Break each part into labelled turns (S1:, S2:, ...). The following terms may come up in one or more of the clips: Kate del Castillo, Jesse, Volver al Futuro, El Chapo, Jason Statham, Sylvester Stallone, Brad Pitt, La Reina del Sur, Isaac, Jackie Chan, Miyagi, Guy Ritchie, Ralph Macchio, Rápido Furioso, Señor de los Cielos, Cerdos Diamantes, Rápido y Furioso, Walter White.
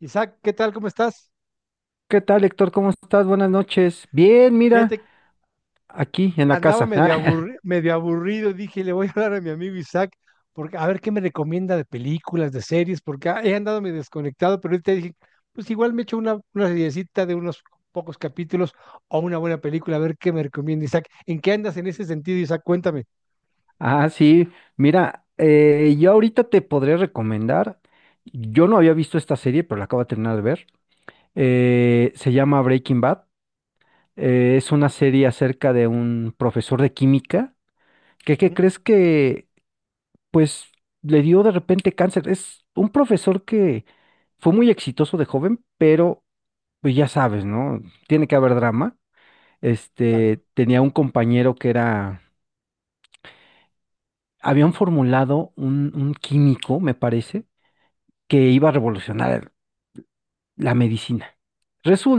S1: Isaac, ¿qué tal? ¿Cómo estás?
S2: ¿Qué tal, Héctor? ¿Cómo estás? Buenas noches. Bien, mira,
S1: Fíjate,
S2: aquí en la
S1: andaba
S2: casa.
S1: medio aburrido, dije, le voy a hablar a mi amigo Isaac, porque a ver qué me recomienda de películas, de series, porque he andado medio desconectado, pero ahorita dije, pues igual me echo una seriecita de unos pocos capítulos o una buena película, a ver qué me recomienda Isaac. ¿En qué andas en ese sentido, Isaac? Cuéntame.
S2: Ah, sí, mira, yo ahorita te podré recomendar. Yo no había visto esta serie, pero la acabo de terminar de ver. Se llama Breaking Bad. Es una serie acerca de un profesor de química que, ¿qué
S1: Ujú.
S2: crees que, pues, le dio de repente cáncer? Es un profesor que fue muy exitoso de joven, pero, pues ya sabes, ¿no? Tiene que haber drama.
S1: Claro.
S2: Este, tenía un compañero que era, habían formulado un químico, me parece, que iba a revolucionar la medicina.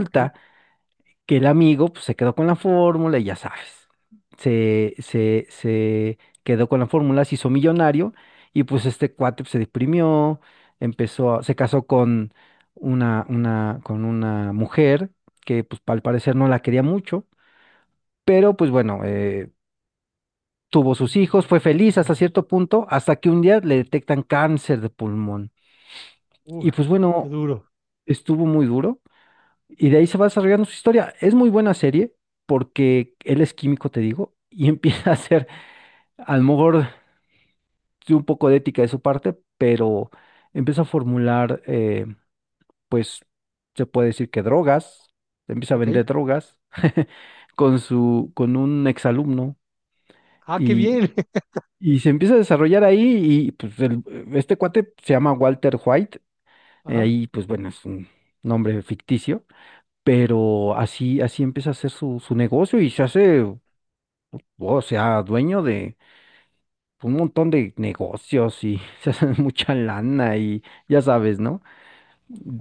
S1: Ok.
S2: que el amigo pues, se quedó con la fórmula y ya sabes, se quedó con la fórmula, se hizo millonario y pues este cuate pues, se deprimió, se casó con con una mujer que pues al parecer no la quería mucho, pero pues bueno, tuvo sus hijos, fue feliz hasta cierto punto, hasta que un día le detectan cáncer de pulmón.
S1: Uf,
S2: Y pues
S1: qué
S2: bueno,
S1: duro.
S2: estuvo muy duro. Y de ahí se va desarrollando su historia. Es muy buena serie porque él es químico, te digo, y empieza a hacer, a lo mejor, sí, un poco de ética de su parte, pero empieza a formular, pues, se puede decir que drogas, empieza a
S1: Ok.
S2: vender drogas con un exalumno.
S1: Ah, qué
S2: Y,
S1: bien.
S2: Y se empieza a desarrollar ahí y pues este cuate se llama Walter White.
S1: Ajá.
S2: Ahí pues bueno, es un nombre ficticio, pero así empieza a hacer su negocio y se hace, o sea, dueño de un montón de negocios, y se hace mucha lana y ya sabes, ¿no?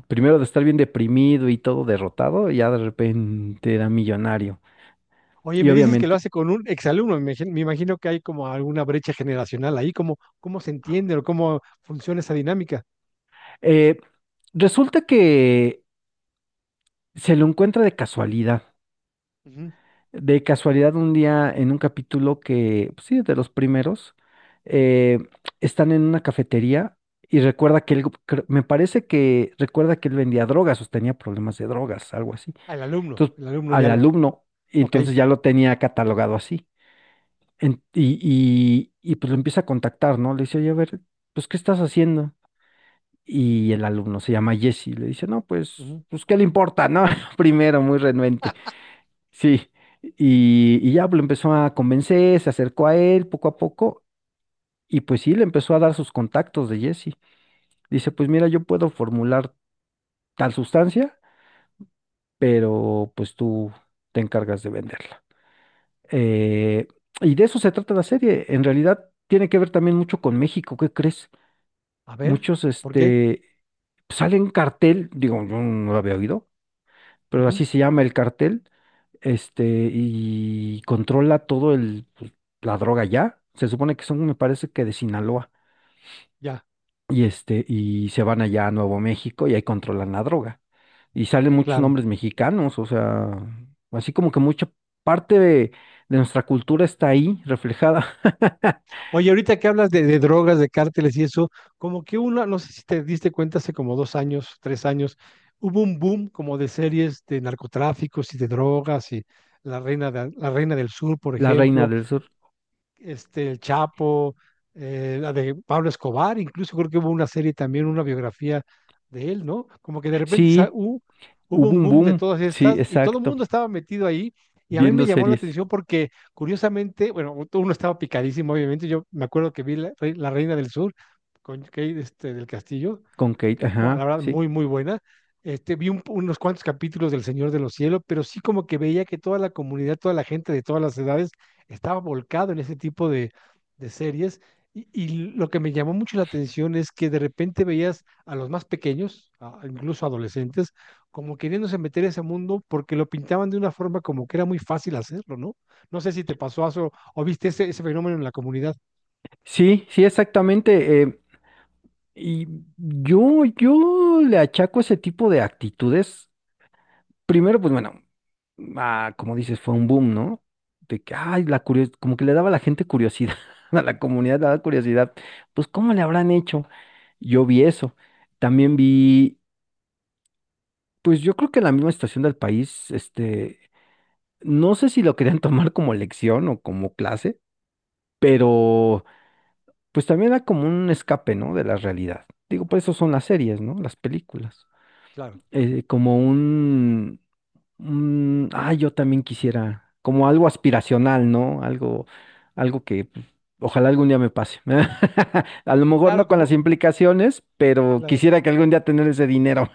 S2: Primero de estar bien deprimido y todo derrotado, ya de repente era millonario.
S1: Oye,
S2: Y
S1: me dices que lo
S2: obviamente,
S1: hace con un exalumno, me imagino que hay como alguna brecha generacional ahí, ¿cómo, cómo se entiende o cómo funciona esa dinámica?
S2: eh, resulta que se lo encuentra de casualidad.
S1: Ujú.
S2: De casualidad, un día en un capítulo que, pues sí, de los primeros, eh, están en una cafetería y recuerda que él, me parece que recuerda que él vendía drogas o tenía problemas de drogas, algo así.
S1: Ah, el alumno,
S2: Entonces,
S1: el alumno
S2: al
S1: ya lo,
S2: alumno, y
S1: ok.
S2: entonces ya lo tenía catalogado así. Y pues lo empieza a contactar, ¿no? Le dice, oye, a ver, pues, ¿qué estás haciendo? Y el alumno se llama Jesse, le dice, no, pues,
S1: Ujú.
S2: pues, ¿qué le importa, no? Primero, muy renuente. Sí, y ya pues, lo empezó a convencer, se acercó a él poco a poco, y pues sí, le empezó a dar sus contactos de Jesse. Dice, pues mira, yo puedo formular tal sustancia, pero pues tú te encargas de venderla. Eh, y de eso se trata la serie. En realidad tiene que ver también mucho con México, ¿qué crees?
S1: A ver,
S2: Muchos,
S1: ¿por qué?
S2: este, sale un cartel, digo, yo no lo había oído, pero
S1: Ujú.
S2: así se llama el cartel este, y controla todo el, pues, la droga ya. Se supone que son, me parece que de Sinaloa.
S1: Ya,
S2: Y este, y se van allá a Nuevo México y ahí controlan la droga. Y salen muchos
S1: claro.
S2: nombres mexicanos, o sea, así como que mucha parte de nuestra cultura está ahí reflejada.
S1: Oye, ahorita que hablas de drogas, de cárteles y eso, como que una, no sé si te diste cuenta hace como dos años, tres años, hubo un boom como de series de narcotráficos y de drogas y La Reina del Sur, por
S2: La Reina
S1: ejemplo,
S2: del Sur.
S1: este, El Chapo, la de Pablo Escobar, incluso creo que hubo una serie también, una biografía de él, ¿no? Como que de repente
S2: Sí,
S1: hubo
S2: hubo
S1: un
S2: un
S1: boom de
S2: boom.
S1: todas
S2: Sí,
S1: estas y todo el
S2: exacto.
S1: mundo estaba metido ahí. Y a mí me
S2: Viendo
S1: llamó la
S2: series
S1: atención porque, curiosamente, bueno, uno estaba picadísimo, obviamente. Yo me acuerdo que vi La Reina del Sur con Kate, este, del Castillo,
S2: con Kate,
S1: bueno, la
S2: ajá,
S1: verdad,
S2: sí.
S1: muy buena. Este, vi unos cuantos capítulos del Señor de los Cielos, pero sí como que veía que toda la comunidad, toda la gente de todas las edades estaba volcado en ese tipo de series. Y lo que me llamó mucho la atención es que de repente veías a los más pequeños, a incluso adolescentes, como queriéndose meter a ese mundo porque lo pintaban de una forma como que era muy fácil hacerlo, ¿no? No sé si te pasó eso o viste ese, ese fenómeno en la comunidad.
S2: Sí, sí, exactamente. Y yo le achaco ese tipo de actitudes. Primero, pues bueno, ah, como dices, fue un boom, ¿no? De que, ay, la curios como que le daba a la gente curiosidad, a la comunidad le daba curiosidad. Pues, ¿cómo le habrán hecho? Yo vi eso. También vi, pues yo creo que en la misma estación del país, este, no sé si lo querían tomar como lección o como clase, pero pues también era como un escape, ¿no? De la realidad. Digo, por eso son las series, ¿no? Las películas.
S1: Claro.
S2: Como un, yo también quisiera, como algo aspiracional, ¿no? Algo que pues, ojalá algún día me pase. A lo mejor no
S1: Claro,
S2: con
S1: como,
S2: las implicaciones, pero
S1: claro.
S2: quisiera que algún día tener ese dinero,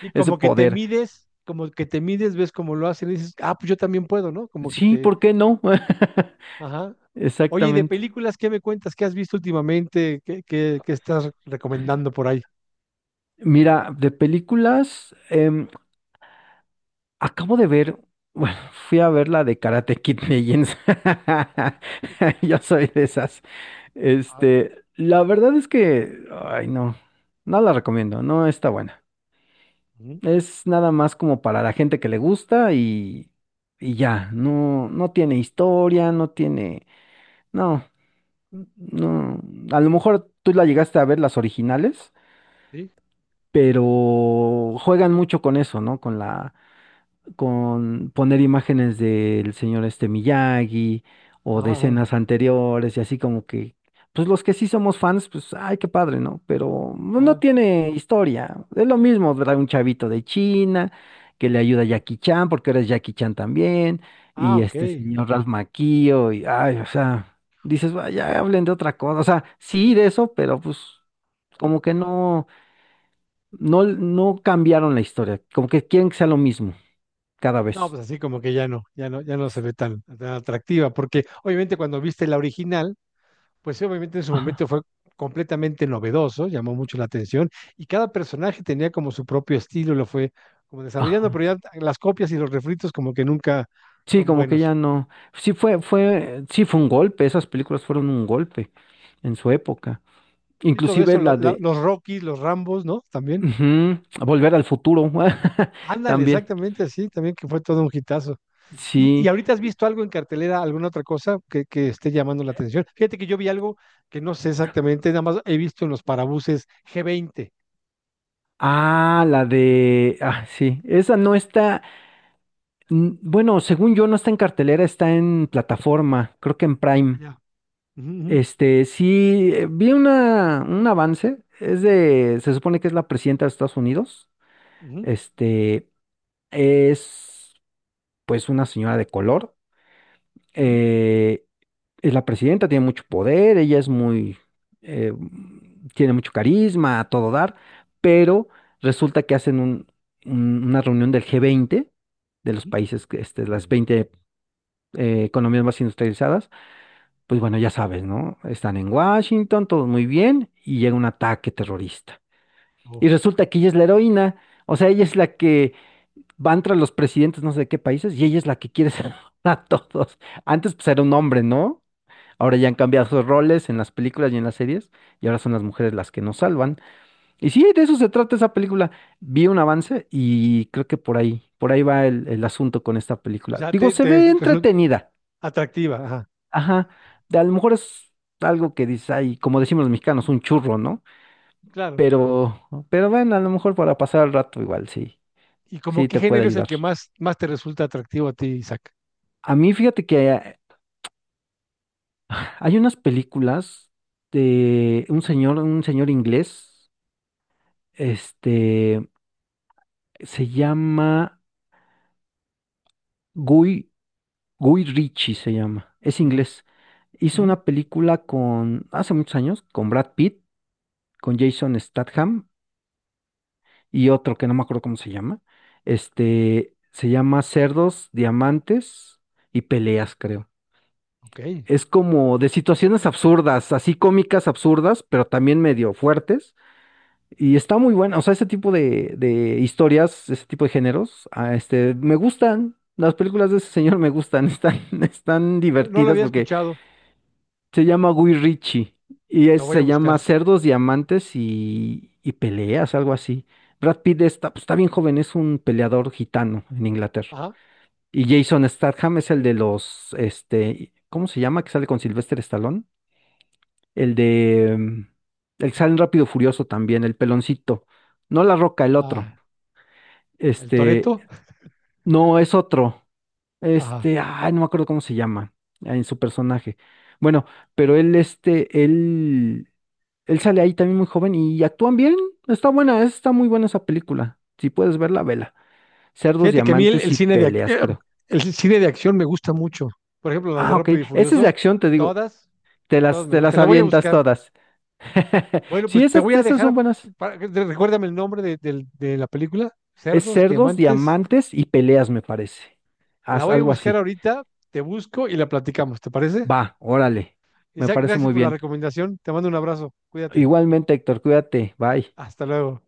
S1: Y
S2: ese
S1: como que te
S2: poder.
S1: mides, como que te mides, ves cómo lo hacen y dices, ah, pues yo también puedo, ¿no? Como que
S2: Sí,
S1: te,
S2: ¿por qué no?
S1: ajá. Oye, y de
S2: Exactamente.
S1: películas, ¿qué me cuentas? ¿Qué has visto últimamente? ¿Qué, qué, qué estás recomendando por ahí?
S2: Mira, de películas, acabo de ver, bueno, fui a ver la de Karate Kid Legends. Yo soy de esas.
S1: Ah,
S2: Este, la verdad es que, ay, no, no la recomiendo, no está buena.
S1: ujú,
S2: Es nada más como para la gente que le gusta y ya, no, no tiene historia, no tiene, no, no, a lo mejor tú la llegaste a ver las originales,
S1: sí,
S2: pero juegan mucho con eso, ¿no? Con poner imágenes del señor este Miyagi o de
S1: ajá, ajá,
S2: escenas anteriores y así como que, pues los que sí somos fans, pues, ay, qué padre, ¿no? Pero no
S1: ajá,
S2: tiene historia. Es lo mismo, ¿verdad? Un chavito de China que le ayuda a
S1: ujú.
S2: Jackie Chan, porque ahora es Jackie Chan también,
S1: Ah,
S2: y
S1: ok.
S2: este señor Ralph Macchio, y, ay, o sea, dices, vaya, hablen de otra cosa. O sea, sí de eso, pero pues... Como que no cambiaron la historia, como que quieren que sea lo mismo cada
S1: No,
S2: vez.
S1: pues así como que ya no, ya no, ya no se ve tan, tan atractiva, porque obviamente cuando viste la original, pues sí, obviamente en su
S2: Ajá,
S1: momento fue completamente novedoso, llamó mucho la atención y cada personaje tenía como su propio estilo, lo fue como desarrollando,
S2: ajá.
S1: pero ya las copias y los refritos como que nunca
S2: Sí,
S1: son
S2: como que
S1: buenos.
S2: ya no. Sí fue un golpe. Esas películas fueron un golpe en su época.
S1: Y todo
S2: Inclusive
S1: eso,
S2: la de
S1: los Rocky los Rambos, ¿no? También.
S2: ujú, Volver al Futuro.
S1: Ándale,
S2: También.
S1: exactamente así, también que fue todo un hitazo. Y
S2: Sí.
S1: ahorita has visto algo en cartelera, alguna otra cosa que esté llamando la atención? Fíjate que yo vi algo que no sé exactamente, nada más he visto en los parabuses G20.
S2: Ah, la de. Ah, sí. Esa no está. Bueno, según yo, no está en cartelera, está en plataforma. Creo que en Prime.
S1: Allá.
S2: Este, sí, vi una, un avance. Es de. Se supone que es la presidenta de Estados Unidos. Este. Es. Pues una señora de color. eh, es la presidenta, tiene mucho poder, ella es muy, eh, tiene mucho carisma, a todo dar, pero resulta que hacen una reunión del G20 de los países, que, este, las 20 economías más industrializadas. Pues bueno, ya sabes, ¿no? Están en Washington, todo muy bien, y llega un ataque terrorista. Y resulta que ella es la heroína, o sea, ella es la que van tras los presidentes no sé de qué países y ella es la que quiere salvar a todos. Antes pues era un hombre, ¿no? Ahora ya han cambiado sus roles en las películas y en las series y ahora son las mujeres las que nos salvan. Y sí, de eso se trata esa película. Vi un avance y creo que por ahí va el asunto con esta
S1: O
S2: película.
S1: sea,
S2: Digo, se
S1: te
S2: ve
S1: resulta
S2: entretenida.
S1: atractiva, ajá,
S2: Ajá. A lo mejor es algo que dice ay, como decimos los mexicanos, un churro, ¿no?
S1: claro.
S2: Pero bueno, a lo mejor para pasar el rato igual, sí,
S1: ¿Y como
S2: sí
S1: qué
S2: te puede
S1: género es el
S2: ayudar.
S1: que más, más te resulta atractivo a ti, Isaac?
S2: A mí, fíjate que hay unas películas de un señor inglés, este, se llama Guy, Guy Ritchie se llama, es
S1: Ujú,
S2: inglés. Hizo
S1: ujú.
S2: una película con, hace muchos años, con Brad Pitt, con Jason Statham y otro que no me acuerdo cómo se llama. Este, se llama Cerdos, Diamantes y Peleas, creo.
S1: Ok,
S2: Es como de situaciones absurdas, así cómicas absurdas, pero también medio fuertes. Y está muy buena, o sea, ese tipo de historias, ese tipo de géneros, ah, este, me gustan. Las películas de ese señor me gustan, están
S1: no, no lo
S2: divertidas
S1: había
S2: porque
S1: escuchado,
S2: se llama Guy Ritchie y
S1: lo voy a
S2: se
S1: buscar.
S2: llama Cerdos, Diamantes y Peleas, algo así. Brad Pitt está, pues, está bien joven, es un peleador gitano en Inglaterra.
S1: Ajá,
S2: Y Jason Statham es el de los, este, ¿cómo se llama? Que sale con Sylvester Stallone. El de, el que sale en Rápido Furioso también, el peloncito. No La Roca, el otro.
S1: ah, el
S2: Este,
S1: Toretto,
S2: no, es otro.
S1: ajá.
S2: Este, ay, no me acuerdo cómo se llama en su personaje. Bueno, pero él, este, él sale ahí también muy joven y actúan bien. Está buena, está muy buena esa película. Si puedes verla, vela. Cerdos,
S1: Fíjate que a mí
S2: diamantes
S1: el
S2: y
S1: cine de,
S2: peleas, creo.
S1: el cine de acción me gusta mucho. Por ejemplo, las de
S2: Ah, ok.
S1: Rápido y
S2: Esa es de
S1: Furioso,
S2: acción, te digo.
S1: todas,
S2: Te
S1: todas
S2: las,
S1: me
S2: te las
S1: gustan. La voy a
S2: avientas
S1: buscar.
S2: todas.
S1: Bueno,
S2: Sí,
S1: pues te voy
S2: esas,
S1: a
S2: esas
S1: dejar,
S2: son buenas.
S1: recuérdame el nombre de la película,
S2: Es
S1: Cerdos,
S2: cerdos,
S1: Diamantes.
S2: diamantes y peleas, me parece.
S1: La
S2: Haz
S1: voy a
S2: algo
S1: buscar
S2: así.
S1: ahorita, te busco y la platicamos, ¿te parece?
S2: Va, órale. Me
S1: Isaac,
S2: parece
S1: gracias
S2: muy
S1: por la
S2: bien.
S1: recomendación. Te mando un abrazo. Cuídate.
S2: Igualmente, Héctor, cuídate, bye.
S1: Hasta luego.